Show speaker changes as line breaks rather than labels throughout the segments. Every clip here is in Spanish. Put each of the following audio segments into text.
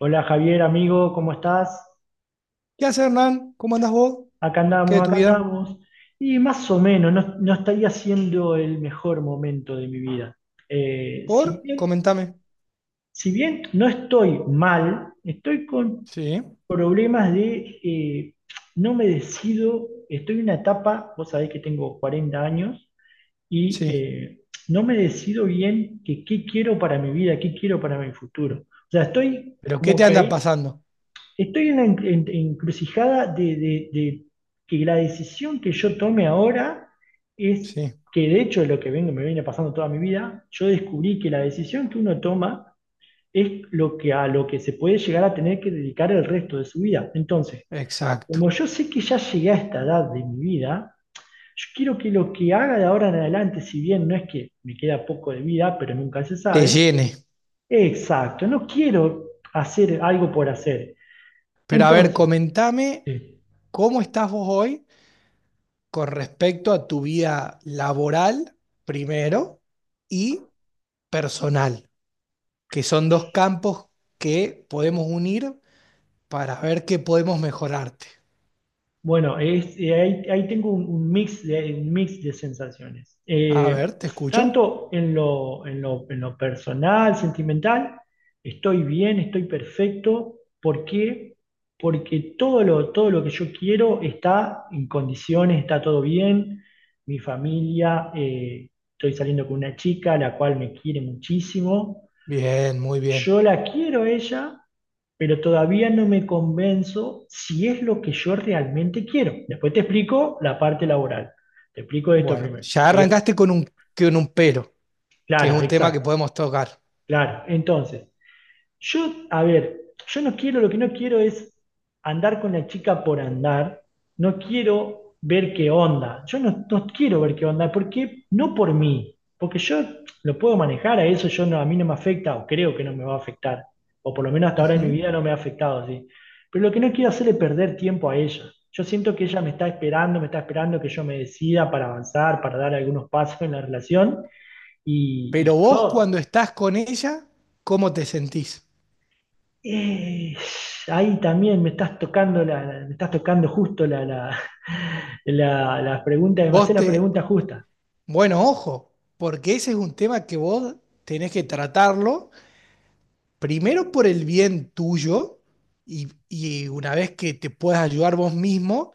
Hola Javier, amigo, ¿cómo estás?
¿Qué haces, Hernán? ¿Cómo andás vos?
Acá
¿Qué
andamos,
de tu
acá
vida?
andamos. Y más o menos, no, no estaría siendo el mejor momento de mi vida. Eh, si
¿Por?
bien,
Comentame.
si bien no estoy mal, estoy con
Sí,
problemas de. No me decido, estoy en una etapa, vos sabés que tengo 40 años, y
sí.
eh, no me decido bien que qué quiero para mi vida, qué quiero para mi futuro. O sea, estoy
¿Pero qué
como
te
que
anda
ahí
pasando?
estoy en una encrucijada de que la decisión que yo tome ahora es,
Sí,
que de hecho es lo que me viene pasando toda mi vida. Yo descubrí que la decisión que uno toma es lo que, a lo que se puede llegar a tener que dedicar el resto de su vida. Entonces,
exacto.
como yo sé que ya llegué a esta edad de mi vida, yo quiero que lo que haga de ahora en adelante, si bien no es que me queda poco de vida, pero nunca se
Te
sabe,
llene.
exacto, no quiero hacer algo por hacer.
Pero a ver,
Entonces,
comentame
sí.
cómo estás vos hoy con respecto a tu vida laboral, primero, y personal, que son dos campos que podemos unir para ver qué podemos mejorarte.
Bueno, ahí tengo un mix de un mix de sensaciones.
A ver, te escucho.
Tanto en lo personal, sentimental, estoy bien, estoy perfecto. ¿Por qué? Porque todo lo que yo quiero está en condiciones, está todo bien. Mi familia, estoy saliendo con una chica, la cual me quiere muchísimo,
Bien, muy bien.
yo la quiero a ella, pero todavía no me convenzo si es lo que yo realmente quiero. Después te explico la parte laboral. Te explico esto
Bueno,
primero.
ya
Que es...
arrancaste con un pero, que es
Claro,
un tema que
exacto,
podemos tocar.
claro. Entonces, yo, a ver, yo no quiero, lo que no quiero es andar con la chica por andar, no quiero ver qué onda, yo no, no quiero ver qué onda, porque no por mí, porque yo lo puedo manejar a eso, yo no, a mí no me afecta, o creo que no me va a afectar, o por lo menos hasta ahora en mi
Ujú.
vida no me ha afectado, ¿sí? Pero lo que no quiero hacer es perder tiempo a ella. Yo siento que ella me está esperando que yo me decida para avanzar, para dar algunos pasos en la relación, y, y
Pero vos cuando
yo
estás con ella, ¿cómo te sentís?
Eh, Ahí también me estás tocando me estás tocando justo la pregunta, me hace
Vos
la
te...
pregunta justa.
Bueno, ojo, porque ese es un tema que vos tenés que tratarlo, primero por el bien tuyo, y una vez que te puedas ayudar vos mismo,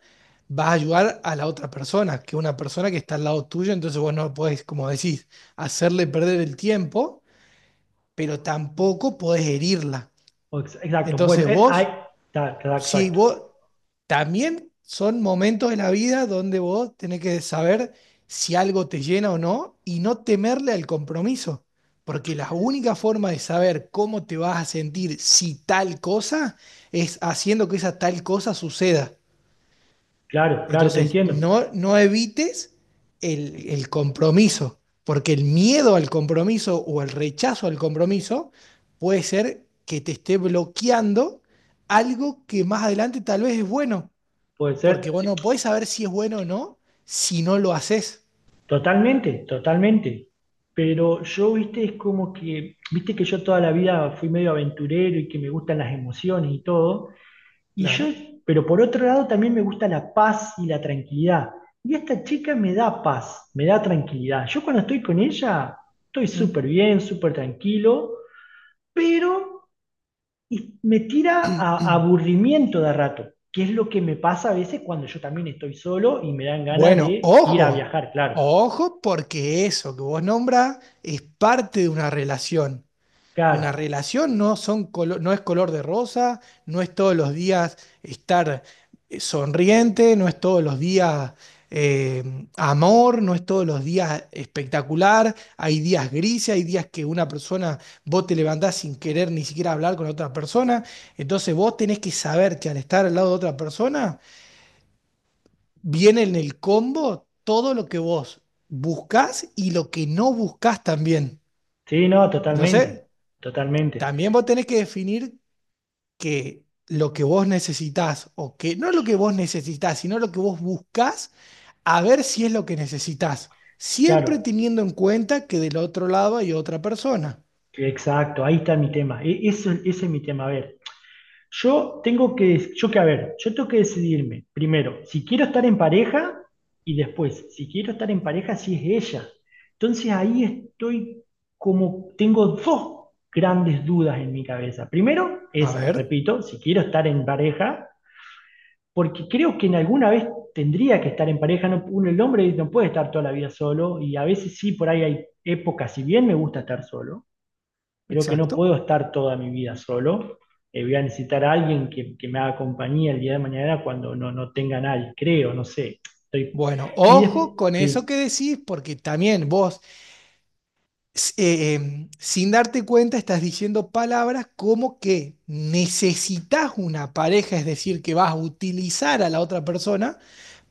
vas a ayudar a la otra persona, que es una persona que está al lado tuyo. Entonces vos no podés, como decís, hacerle perder el tiempo, pero tampoco podés herirla.
O ex- Exacto, bueno,
Entonces
ahí
vos si
exacto.
vos también, son momentos de la vida donde vos tenés que saber si algo te llena o no y no temerle al compromiso, porque la única forma de saber cómo te vas a sentir si tal cosa es haciendo que esa tal cosa suceda.
Claro, claro, te
Entonces,
entiendo.
no, no evites el compromiso, porque el miedo al compromiso o el rechazo al compromiso puede ser que te esté bloqueando algo que más adelante tal vez es bueno,
Puede
porque
ser,
vos
sí.
no podés saber si es bueno o no si no lo haces.
Totalmente, totalmente. Pero yo, viste, es como que, viste que yo toda la vida fui medio aventurero y que me gustan las emociones y todo. Y yo,
Claro.
pero por otro lado también me gusta la paz y la tranquilidad. Y esta chica me da paz, me da tranquilidad. Yo cuando estoy con ella, estoy súper
Mm.
bien, súper tranquilo, pero y- me tira a aburrimiento de rato, que es lo que me pasa a veces cuando yo también estoy solo y me dan ganas
Bueno,
de ir a
ojo,
viajar, claro.
ojo, porque eso que vos nombras es parte de una relación. Una
Claro.
relación no, no es color de rosa, no es todos los días estar sonriente, no es todos los días eh, amor, no es todos los días espectacular. Hay días grises, hay días que una persona, vos te levantás sin querer ni siquiera hablar con otra persona. Entonces vos tenés que saber que al estar al lado de otra persona, viene en el combo todo lo que vos buscás y lo que no buscás también.
Sí, no,
Entonces,
totalmente. Totalmente.
también vos tenés que definir que lo que vos necesitás, o que no lo que vos necesitás, sino lo que vos buscás, a ver si es lo que necesitás, siempre
Claro.
teniendo en cuenta que del otro lado hay otra persona.
Exacto, ahí está mi tema. E- Eso, ese es mi tema. A ver. Yo tengo que, yo que, a ver, yo tengo que decidirme primero si quiero estar en pareja, y después si quiero estar en pareja si es ella. Entonces ahí estoy como, tengo dos grandes dudas en mi cabeza. Primero,
A
esa,
ver,
repito, si quiero estar en pareja, porque creo que en alguna vez tendría que estar en pareja, no, uno, el hombre no puede estar toda la vida solo y a veces sí, por ahí hay épocas, si bien me gusta estar solo, creo que no
exacto.
puedo estar toda mi vida solo. Voy a necesitar a alguien que me haga compañía el día de mañana cuando no, no tenga nadie, creo, no sé. Estoy...
Bueno,
Y des-
ojo con eso
sí,
que decís, porque también vos, sin darte cuenta, estás diciendo palabras como que necesitas una pareja, es decir, que vas a utilizar a la otra persona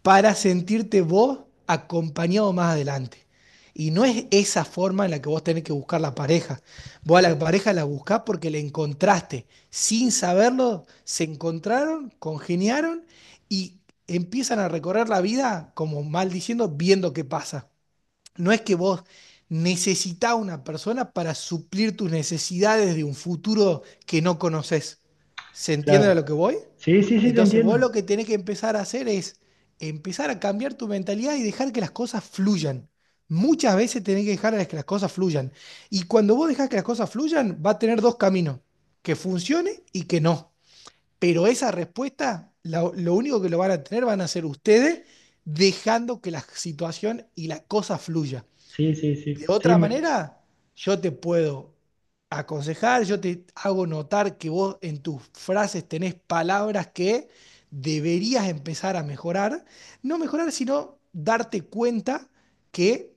para sentirte vos acompañado más adelante. Y no es esa forma en la que vos tenés que buscar la pareja. Vos a la pareja la buscás porque la encontraste. Sin saberlo, se encontraron, congeniaron y empiezan a recorrer la vida como mal diciendo, viendo qué pasa. No es que vos necesitás una persona para suplir tus necesidades de un futuro que no conoces. ¿Se entiende a lo
claro.
que voy?
Sí, sí, sí, te
Entonces vos
entiendo.
lo que tenés que empezar a hacer es empezar a cambiar tu mentalidad y dejar que las cosas fluyan. Muchas veces tenés que dejar a que las cosas fluyan. Y cuando vos dejás que las cosas fluyan, va a tener dos caminos, que funcione y que no. Pero esa respuesta, lo único que lo van a tener van a ser ustedes dejando que la situación y la cosa fluya.
Sí, sí,
De
sí. Sí,
otra
me...
manera, yo te puedo aconsejar, yo te hago notar que vos en tus frases tenés palabras que deberías empezar a mejorar. No mejorar, sino darte cuenta que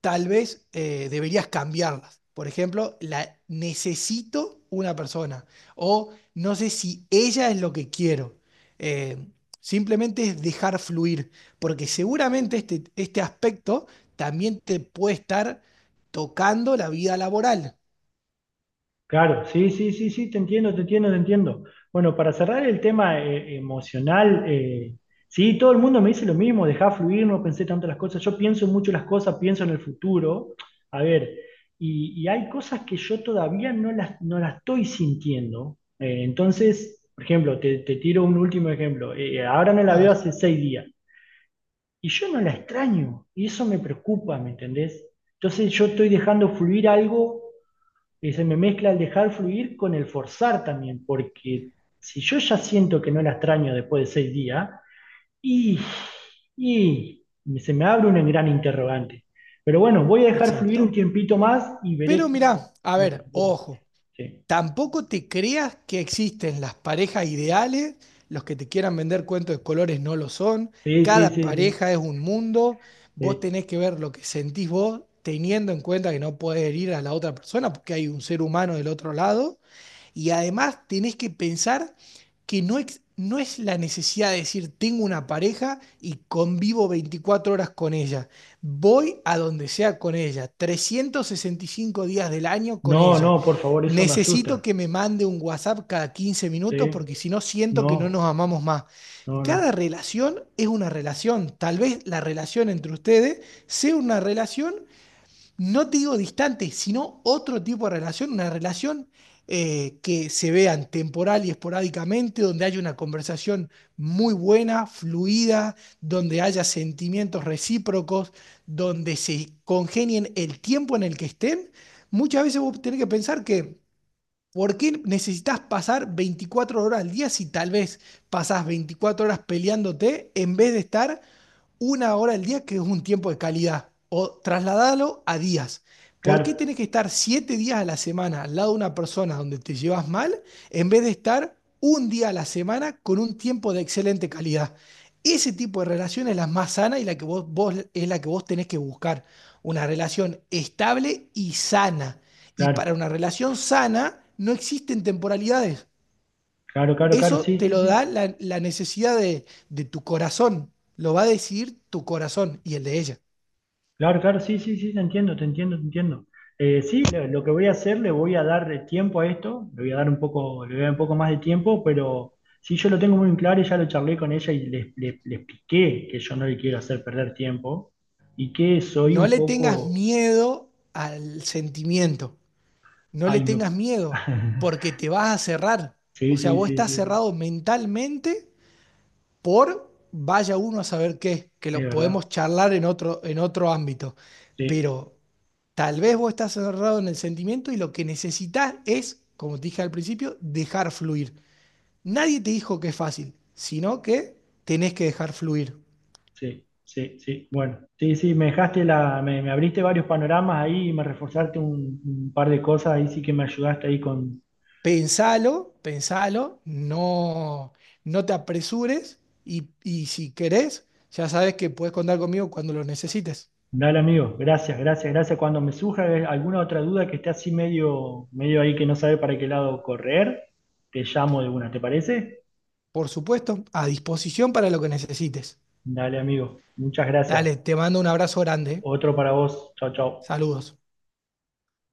tal vez deberías cambiarlas. Por ejemplo, la necesito una persona o no sé si ella es lo que quiero. Eh, simplemente es dejar fluir, porque seguramente este aspecto también te puede estar tocando la vida laboral.
Claro, sí, sí, sí, sí, te entiendo, te entiendo, te entiendo. Bueno, para cerrar el tema emocional, sí, todo el mundo me dice lo mismo, dejá fluir, no pensé tanto las cosas. Yo pienso mucho las cosas, pienso en el futuro. A ver, y hay cosas que yo todavía no las estoy sintiendo. Entonces, por ejemplo, te tiro un último ejemplo. Ahora no la
A
veo
ver,
hace 6 días y yo no la extraño y eso me preocupa, ¿me entendés? Entonces yo estoy dejando fluir algo y se me mezcla el dejar fluir con el forzar también, porque si yo ya siento que no la extraño después de 6 días, y, y se me abre un gran interrogante. Pero bueno, voy a dejar fluir un
exacto.
tiempito más y
Pero
veré cómo,
mirá, a
cómo
ver,
transcurre.
ojo.
Sí.
Tampoco te creas que existen las parejas ideales, los que te quieran vender cuentos de colores no lo son,
Sí, sí,
cada
sí, sí,
pareja es un mundo, vos
sí.
tenés que ver lo que sentís vos teniendo en cuenta que no puedes herir a la otra persona porque hay un ser humano del otro lado y además tenés que pensar que no, no es la necesidad de decir, tengo una pareja y convivo 24 horas con ella. Voy a donde sea con ella, 365 días del año con
No,
ella.
no, por favor, eso me
Necesito
asusta.
que me mande un WhatsApp cada quince
Sí,
minutos porque si no siento que no nos
no,
amamos más.
no,
Cada
no.
relación es una relación. Tal vez la relación entre ustedes sea una relación, no te digo distante, sino otro tipo de relación, una relación que se vean temporal y esporádicamente, donde haya una conversación muy buena, fluida, donde haya sentimientos recíprocos, donde se congenien el tiempo en el que estén. Muchas veces vos tenés que pensar que, ¿por qué necesitas pasar 24 horas al día si tal vez pasás 24 horas peleándote en vez de estar una hora al día, que es un tiempo de calidad, o trasladarlo a días? ¿Por qué
Claro,
tenés que estar 7 días a la semana al lado de una persona donde te llevas mal, en vez de estar un día a la semana con un tiempo de excelente calidad? Ese tipo de relación es la más sana y la que es la que vos tenés que buscar. Una relación estable y sana. Y para
claro,
una relación sana no existen temporalidades.
claro, claro, claro,
Eso
sí,
te
sí,
lo
sí.
da la necesidad de tu corazón. Lo va a decir tu corazón y el de ella.
Claro, claro, sí, sí, sí, te entiendo, te entiendo, te entiendo. Sí, lo que voy a hacer, le voy a dar tiempo a esto, le voy a dar un poco, le voy a dar un poco más de tiempo, pero sí, yo lo tengo muy en claro y ya lo charlé con ella y le expliqué que yo no le quiero hacer perder tiempo y que soy
No
un
le tengas
poco...
miedo al sentimiento. No le
Ay,
tengas
me...
miedo porque te vas a cerrar.
Sí,
O sea,
sí,
vos
sí,
estás
sí, sí,
cerrado mentalmente por vaya uno a saber qué, que
es
lo podemos
verdad.
charlar en otro ámbito.
Sí,
Pero tal vez vos estás cerrado en el sentimiento y lo que necesitas es, como te dije al principio, dejar fluir. Nadie te dijo que es fácil, sino que tenés que dejar fluir.
sí, sí, sí. Bueno, sí, sí, me dejaste la, me abriste varios panoramas ahí y me reforzaste un par de cosas, ahí sí que me ayudaste ahí con...
Pensalo, pensalo, no, no te apresures y si querés, ya sabes que puedes contar conmigo cuando lo necesites.
Dale, amigo. Gracias, gracias, gracias. Cuando me surja alguna otra duda que esté así medio, medio ahí que no sabe para qué lado correr, te llamo de una, ¿te parece?
Por supuesto, a disposición para lo que necesites.
Dale, amigo. Muchas gracias.
Dale, te mando un abrazo grande. ¿Eh?
Otro para vos. Chao, chao.
Saludos.